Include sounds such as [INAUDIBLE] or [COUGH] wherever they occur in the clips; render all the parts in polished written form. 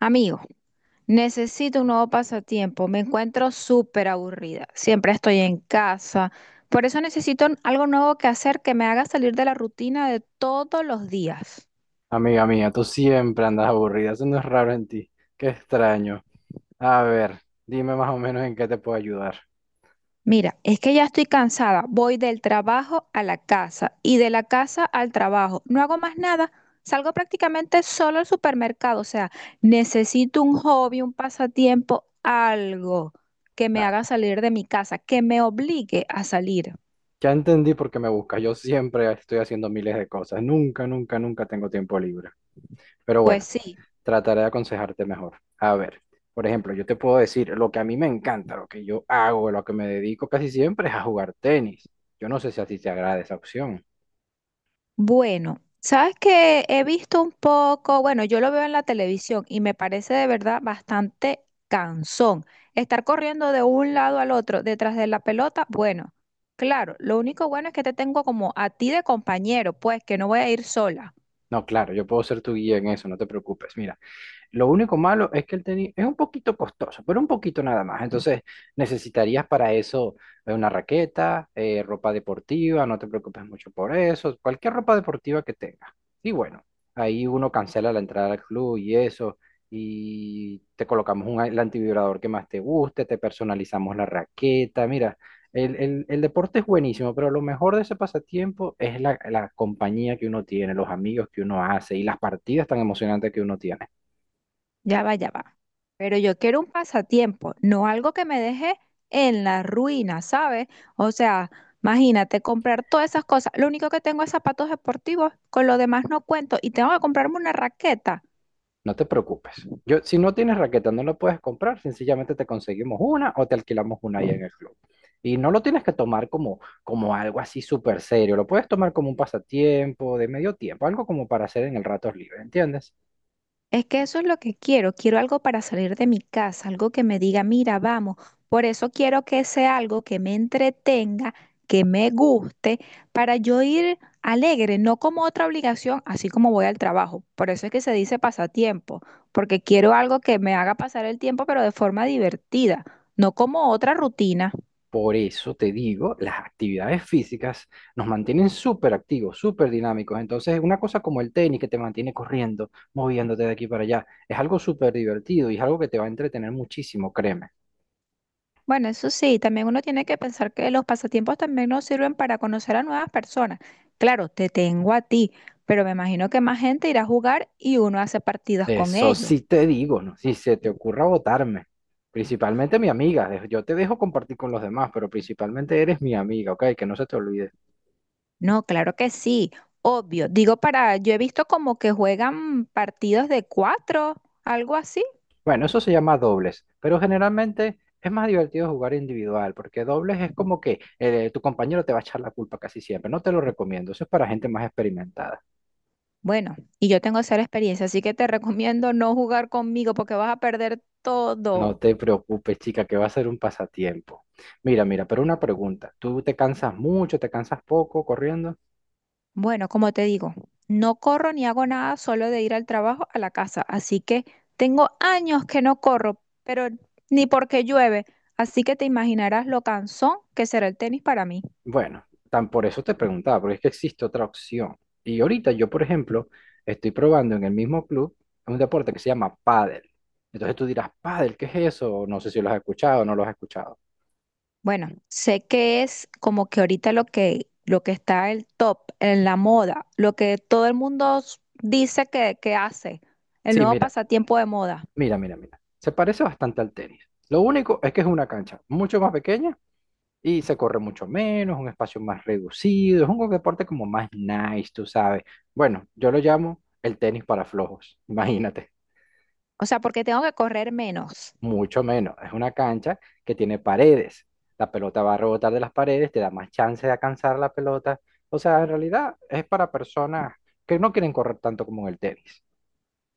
Amigo, necesito un nuevo pasatiempo. Me encuentro súper aburrida. Siempre estoy en casa. Por eso necesito algo nuevo que hacer que me haga salir de la rutina de todos los días. Amiga mía, tú siempre andas aburrida, eso no es raro en ti. Qué extraño. A ver, dime más o menos en qué te puedo ayudar. Mira, es que ya estoy cansada. Voy del trabajo a la casa y de la casa al trabajo. No hago más nada. Salgo prácticamente solo al supermercado. O sea, necesito un hobby, un pasatiempo, algo que me Ah, haga salir de mi casa, que me obligue a salir. Ya entendí por qué me buscas. Yo siempre estoy haciendo miles de cosas. Nunca, nunca, nunca tengo tiempo libre. Pero Pues bueno, sí. trataré de aconsejarte mejor. A ver, por ejemplo, yo te puedo decir lo que a mí me encanta, lo que yo hago, lo que me dedico casi siempre es a jugar tenis. Yo no sé si a ti te agrada esa opción. Bueno, sabes que he visto un poco, bueno, yo lo veo en la televisión y me parece de verdad bastante cansón. Estar corriendo de un lado al otro detrás de la pelota, bueno, claro, lo único bueno es que te tengo como a ti de compañero, pues que no voy a ir sola. No, claro, yo puedo ser tu guía en eso, no te preocupes. Mira. Lo único malo es que el tenis es un poquito costoso, pero un poquito nada más. Entonces necesitarías para eso una raqueta, ropa deportiva, no te preocupes mucho por eso, cualquier ropa deportiva que tengas. Y bueno, ahí uno cancela la entrada al club y eso, y te colocamos el antivibrador que más te guste, te personalizamos la raqueta. Mira, el deporte es buenísimo, pero lo mejor de ese pasatiempo es la compañía que uno tiene, los amigos que uno hace y las partidas tan emocionantes que uno tiene. Ya va, ya va. Pero yo quiero un pasatiempo, no algo que me deje en la ruina, ¿sabes? O sea, imagínate comprar todas esas cosas. Lo único que tengo es zapatos deportivos, con lo demás no cuento y tengo que comprarme una raqueta. No te preocupes. Yo, si no tienes raqueta, no la puedes comprar, sencillamente te conseguimos una o te alquilamos una ahí en el club. Y no lo tienes que tomar como, como algo así súper serio, lo puedes tomar como un pasatiempo de medio tiempo, algo como para hacer en el rato libre, ¿entiendes? Es que eso es lo que quiero. Quiero algo para salir de mi casa, algo que me diga, mira, vamos. Por eso quiero que sea algo que me entretenga, que me guste, para yo ir alegre, no como otra obligación, así como voy al trabajo. Por eso es que se dice pasatiempo, porque quiero algo que me haga pasar el tiempo, pero de forma divertida, no como otra rutina. Por eso te digo, las actividades físicas nos mantienen súper activos, súper dinámicos. Entonces, una cosa como el tenis que te mantiene corriendo, moviéndote de aquí para allá, es algo súper divertido y es algo que te va a entretener muchísimo, créeme. Bueno, eso sí, también uno tiene que pensar que los pasatiempos también nos sirven para conocer a nuevas personas. Claro, te tengo a ti, pero me imagino que más gente irá a jugar y uno hace partidas con Eso ellos. sí te digo, ¿no? Si se te ocurra votarme, principalmente mi amiga, yo te dejo compartir con los demás, pero principalmente eres mi amiga, ¿ok? Que no se te olvide. No, claro que sí, obvio. Digo para, yo he visto como que juegan partidos de cuatro, algo así. Bueno, eso se llama dobles, pero generalmente es más divertido jugar individual, porque dobles es como que tu compañero te va a echar la culpa casi siempre, no te lo recomiendo, eso es para gente más experimentada. Bueno, y yo tengo cero experiencia, así que te [LAUGHS] recomiendo no jugar conmigo porque vas a perder No todo. te preocupes, chica, que va a ser un pasatiempo. Mira, mira, pero una pregunta, ¿tú te cansas mucho, te cansas poco corriendo? Bueno, como te digo, no corro ni hago nada solo de ir al trabajo a la casa, así que tengo años que no corro, pero ni porque llueve, así que te imaginarás lo cansón que será el tenis para mí. Bueno, tan por eso te preguntaba, porque es que existe otra opción. Y ahorita yo, por ejemplo, estoy probando en el mismo club un deporte que se llama pádel. Entonces tú dirás, pádel, ¿qué es eso? No sé si lo has escuchado o no lo has escuchado. Bueno, sé que es como que ahorita lo que está el top, en la moda, lo que todo el mundo dice que hace, el Sí, nuevo mira, pasatiempo de moda. mira, mira, mira. Se parece bastante al tenis. Lo único es que es una cancha mucho más pequeña y se corre mucho menos, un espacio más reducido, es un deporte como más nice, tú sabes. Bueno, yo lo llamo el tenis para flojos, [LAUGHS] imagínate. O sea, porque tengo que correr menos. Mucho menos. Es una cancha que tiene paredes. La pelota va a rebotar de las paredes, te da más chance de alcanzar la pelota. O sea, en realidad es para personas que no quieren correr tanto como en el tenis.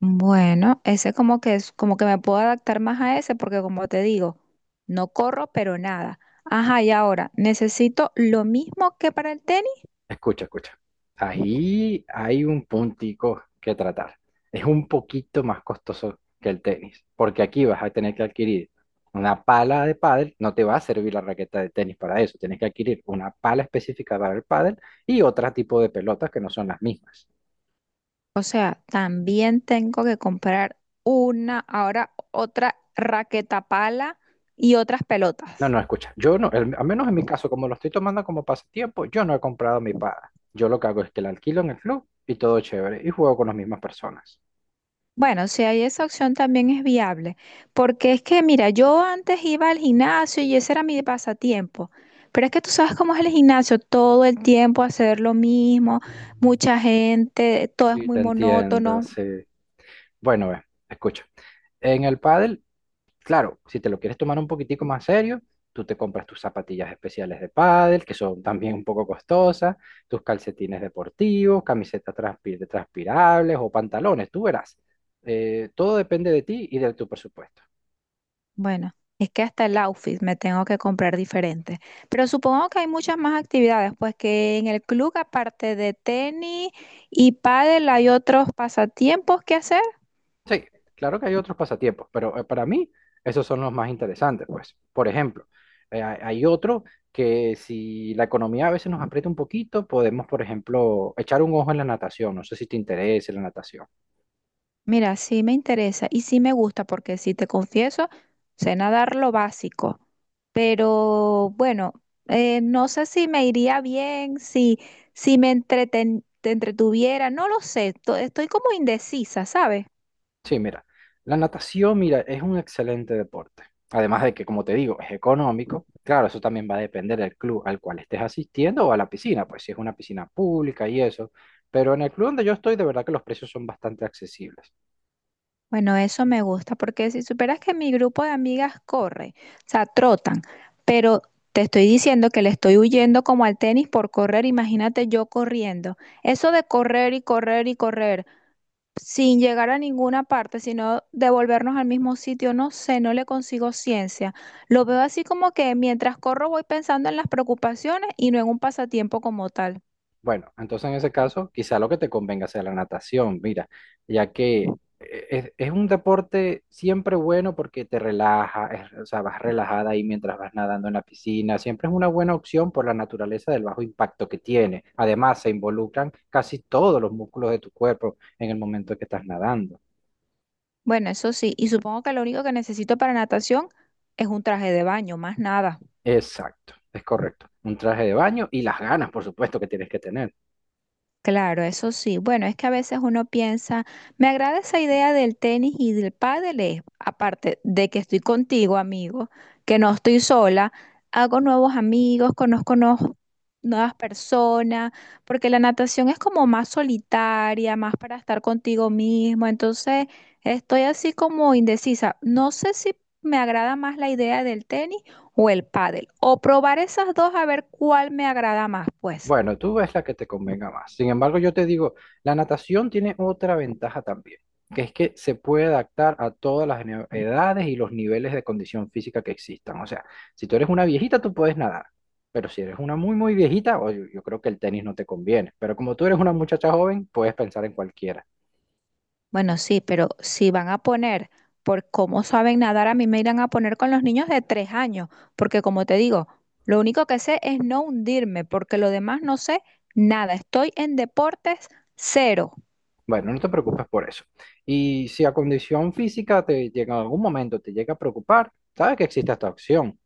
Bueno, ese como que es como que me puedo adaptar más a ese porque como te digo, no corro, pero nada. Ajá, y ahora, ¿necesito lo mismo que para el tenis? Escucha, escucha. Ahí hay un puntico que tratar. Es un poquito más costoso que el tenis, porque aquí vas a tener que adquirir una pala de pádel. No te va a servir la raqueta de tenis para eso. Tienes que adquirir una pala específica para el pádel y otro tipo de pelotas que no son las mismas. O sea, también tengo que comprar una, ahora otra raqueta pala y otras No, pelotas. no, escucha, yo no, al menos en mi caso, como lo estoy tomando como pasatiempo, yo no he comprado mi paga. Yo lo que hago es que la alquilo en el club y todo chévere, y juego con las mismas personas. Bueno, si hay esa opción también es viable, porque es que, mira, yo antes iba al gimnasio y ese era mi pasatiempo, pero es que tú sabes cómo es el gimnasio, todo el tiempo hacer lo mismo, Mm. mucha gente, todo es Sí, muy te entiendo, monótono. sí. Bueno, ve, escucha. En el pádel, claro, si te lo quieres tomar un poquitico más serio, tú te compras tus zapatillas especiales de pádel, que son también un poco costosas, tus calcetines deportivos, camisetas transpirables o pantalones, tú verás. Todo depende de ti y de tu presupuesto. Bueno, es que hasta el outfit me tengo que comprar diferente. Pero supongo que hay muchas más actividades, pues que en el club, aparte de tenis y pádel, hay otros pasatiempos que hacer. Sí, claro que hay otros pasatiempos, pero para mí esos son los más interesantes, pues. Por ejemplo, hay otro que si la economía a veces nos aprieta un poquito, podemos, por ejemplo, echar un ojo en la natación. No sé si te interesa la natación. Mira, sí me interesa y sí me gusta porque si te confieso, sé nadar lo básico, pero bueno, no sé si me iría bien, si, si me te entretuviera, no lo sé, estoy como indecisa, ¿sabes? Sí, mira, la natación, mira, es un excelente deporte. Además de que, como te digo, es económico. Claro, eso también va a depender del club al cual estés asistiendo o a la piscina, pues si es una piscina pública y eso. Pero en el club donde yo estoy, de verdad que los precios son bastante accesibles. Bueno, eso me gusta porque si superas que mi grupo de amigas corre, o sea, trotan, pero te estoy diciendo que le estoy huyendo como al tenis por correr, imagínate yo corriendo. Eso de correr y correr y correr. Sin llegar a ninguna parte, sino devolvernos al mismo sitio, no sé, no le consigo ciencia. Lo veo así como que mientras corro voy pensando en las preocupaciones y no en un pasatiempo como tal. Bueno, entonces en ese caso, quizá lo que te convenga sea la natación, mira, ya que es un deporte siempre bueno porque te relaja, o sea, vas relajada ahí mientras vas nadando en la piscina, siempre es una buena opción por la naturaleza del bajo impacto que tiene. Además, se involucran casi todos los músculos de tu cuerpo en el momento que estás nadando. Bueno, eso sí, y supongo que lo único que necesito para natación es un traje de baño, más nada. Exacto, es correcto. Un traje de baño y las ganas, por supuesto, que tienes que tener. Claro, eso sí. Bueno, es que a veces uno piensa, me agrada esa idea del tenis y del pádel, es, aparte de que estoy contigo, amigo, que no estoy sola, hago nuevos amigos, conozco nuevos nuevas personas, porque la natación es como más solitaria, más para estar contigo mismo. Entonces, estoy así como indecisa. No sé si me agrada más la idea del tenis o el pádel, o probar esas dos a ver cuál me agrada más, pues. Bueno, tú ves la que te convenga más. Sin embargo, yo te digo, la natación tiene otra ventaja también, que es que se puede adaptar a todas las edades y los niveles de condición física que existan. O sea, si tú eres una viejita, tú puedes nadar, pero si eres una muy, muy viejita, oye, yo, creo que el tenis no te conviene. Pero como tú eres una muchacha joven, puedes pensar en cualquiera. Bueno, sí, pero si van a poner por cómo saben nadar, a mí me irán a poner con los niños de 3 años, porque como te digo, lo único que sé es no hundirme, porque lo demás no sé nada. Estoy en deportes cero. Bueno, no te preocupes por eso. Y si a condición física te llega en algún momento, te llega a preocupar, sabes que existe esta opción.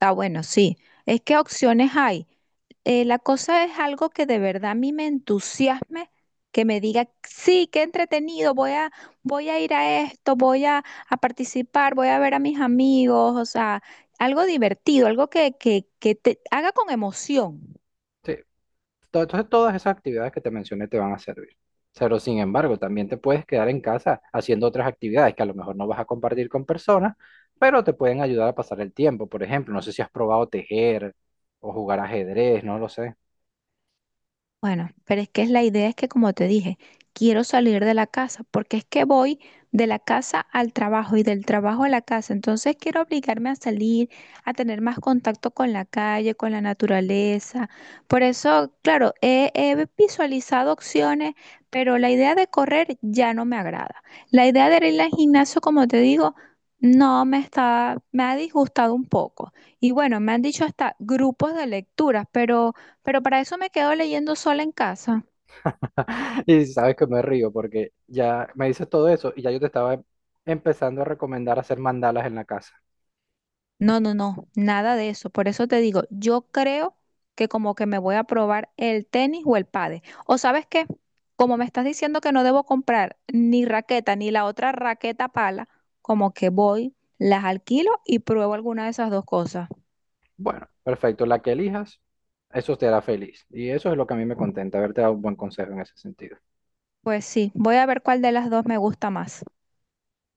Ah, bueno, sí. Es que opciones hay. La cosa es algo que de verdad a mí me entusiasme, que me diga, sí, qué entretenido, voy a ir a esto, a participar, voy a ver a mis amigos, o sea, algo divertido, algo que te haga con emoción. Sí, entonces todas esas actividades que te mencioné te van a servir. Pero sin embargo, también te puedes quedar en casa haciendo otras actividades que a lo mejor no vas a compartir con personas, pero te pueden ayudar a pasar el tiempo. Por ejemplo, no sé si has probado tejer o jugar ajedrez, no lo sé. Bueno, pero es que es la idea es que como te dije, quiero salir de la casa, porque es que voy de la casa al trabajo y del trabajo a la casa, entonces quiero obligarme a salir, a tener más contacto con la calle, con la naturaleza. Por eso, claro, he visualizado opciones, pero la idea de correr ya no me agrada. La idea de ir al gimnasio, como te digo, no me está, me ha disgustado un poco. Y bueno, me han dicho hasta grupos de lecturas, pero para eso me quedo leyendo sola en casa. [LAUGHS] Y sabes que me río porque ya me dices todo eso y ya yo te estaba empezando a recomendar hacer mandalas en la casa. No, no, no, nada de eso. Por eso te digo, yo creo que como que me voy a probar el tenis o el pádel. O sabes qué, como me estás diciendo que no debo comprar ni raqueta ni la otra raqueta pala, como que voy, las alquilo y pruebo alguna de esas dos cosas. Bueno, perfecto, la que elijas, eso te hará feliz. Y eso es lo que a mí me contenta, haberte dado un buen consejo en ese sentido. Pues sí, voy a ver cuál de las dos me gusta más.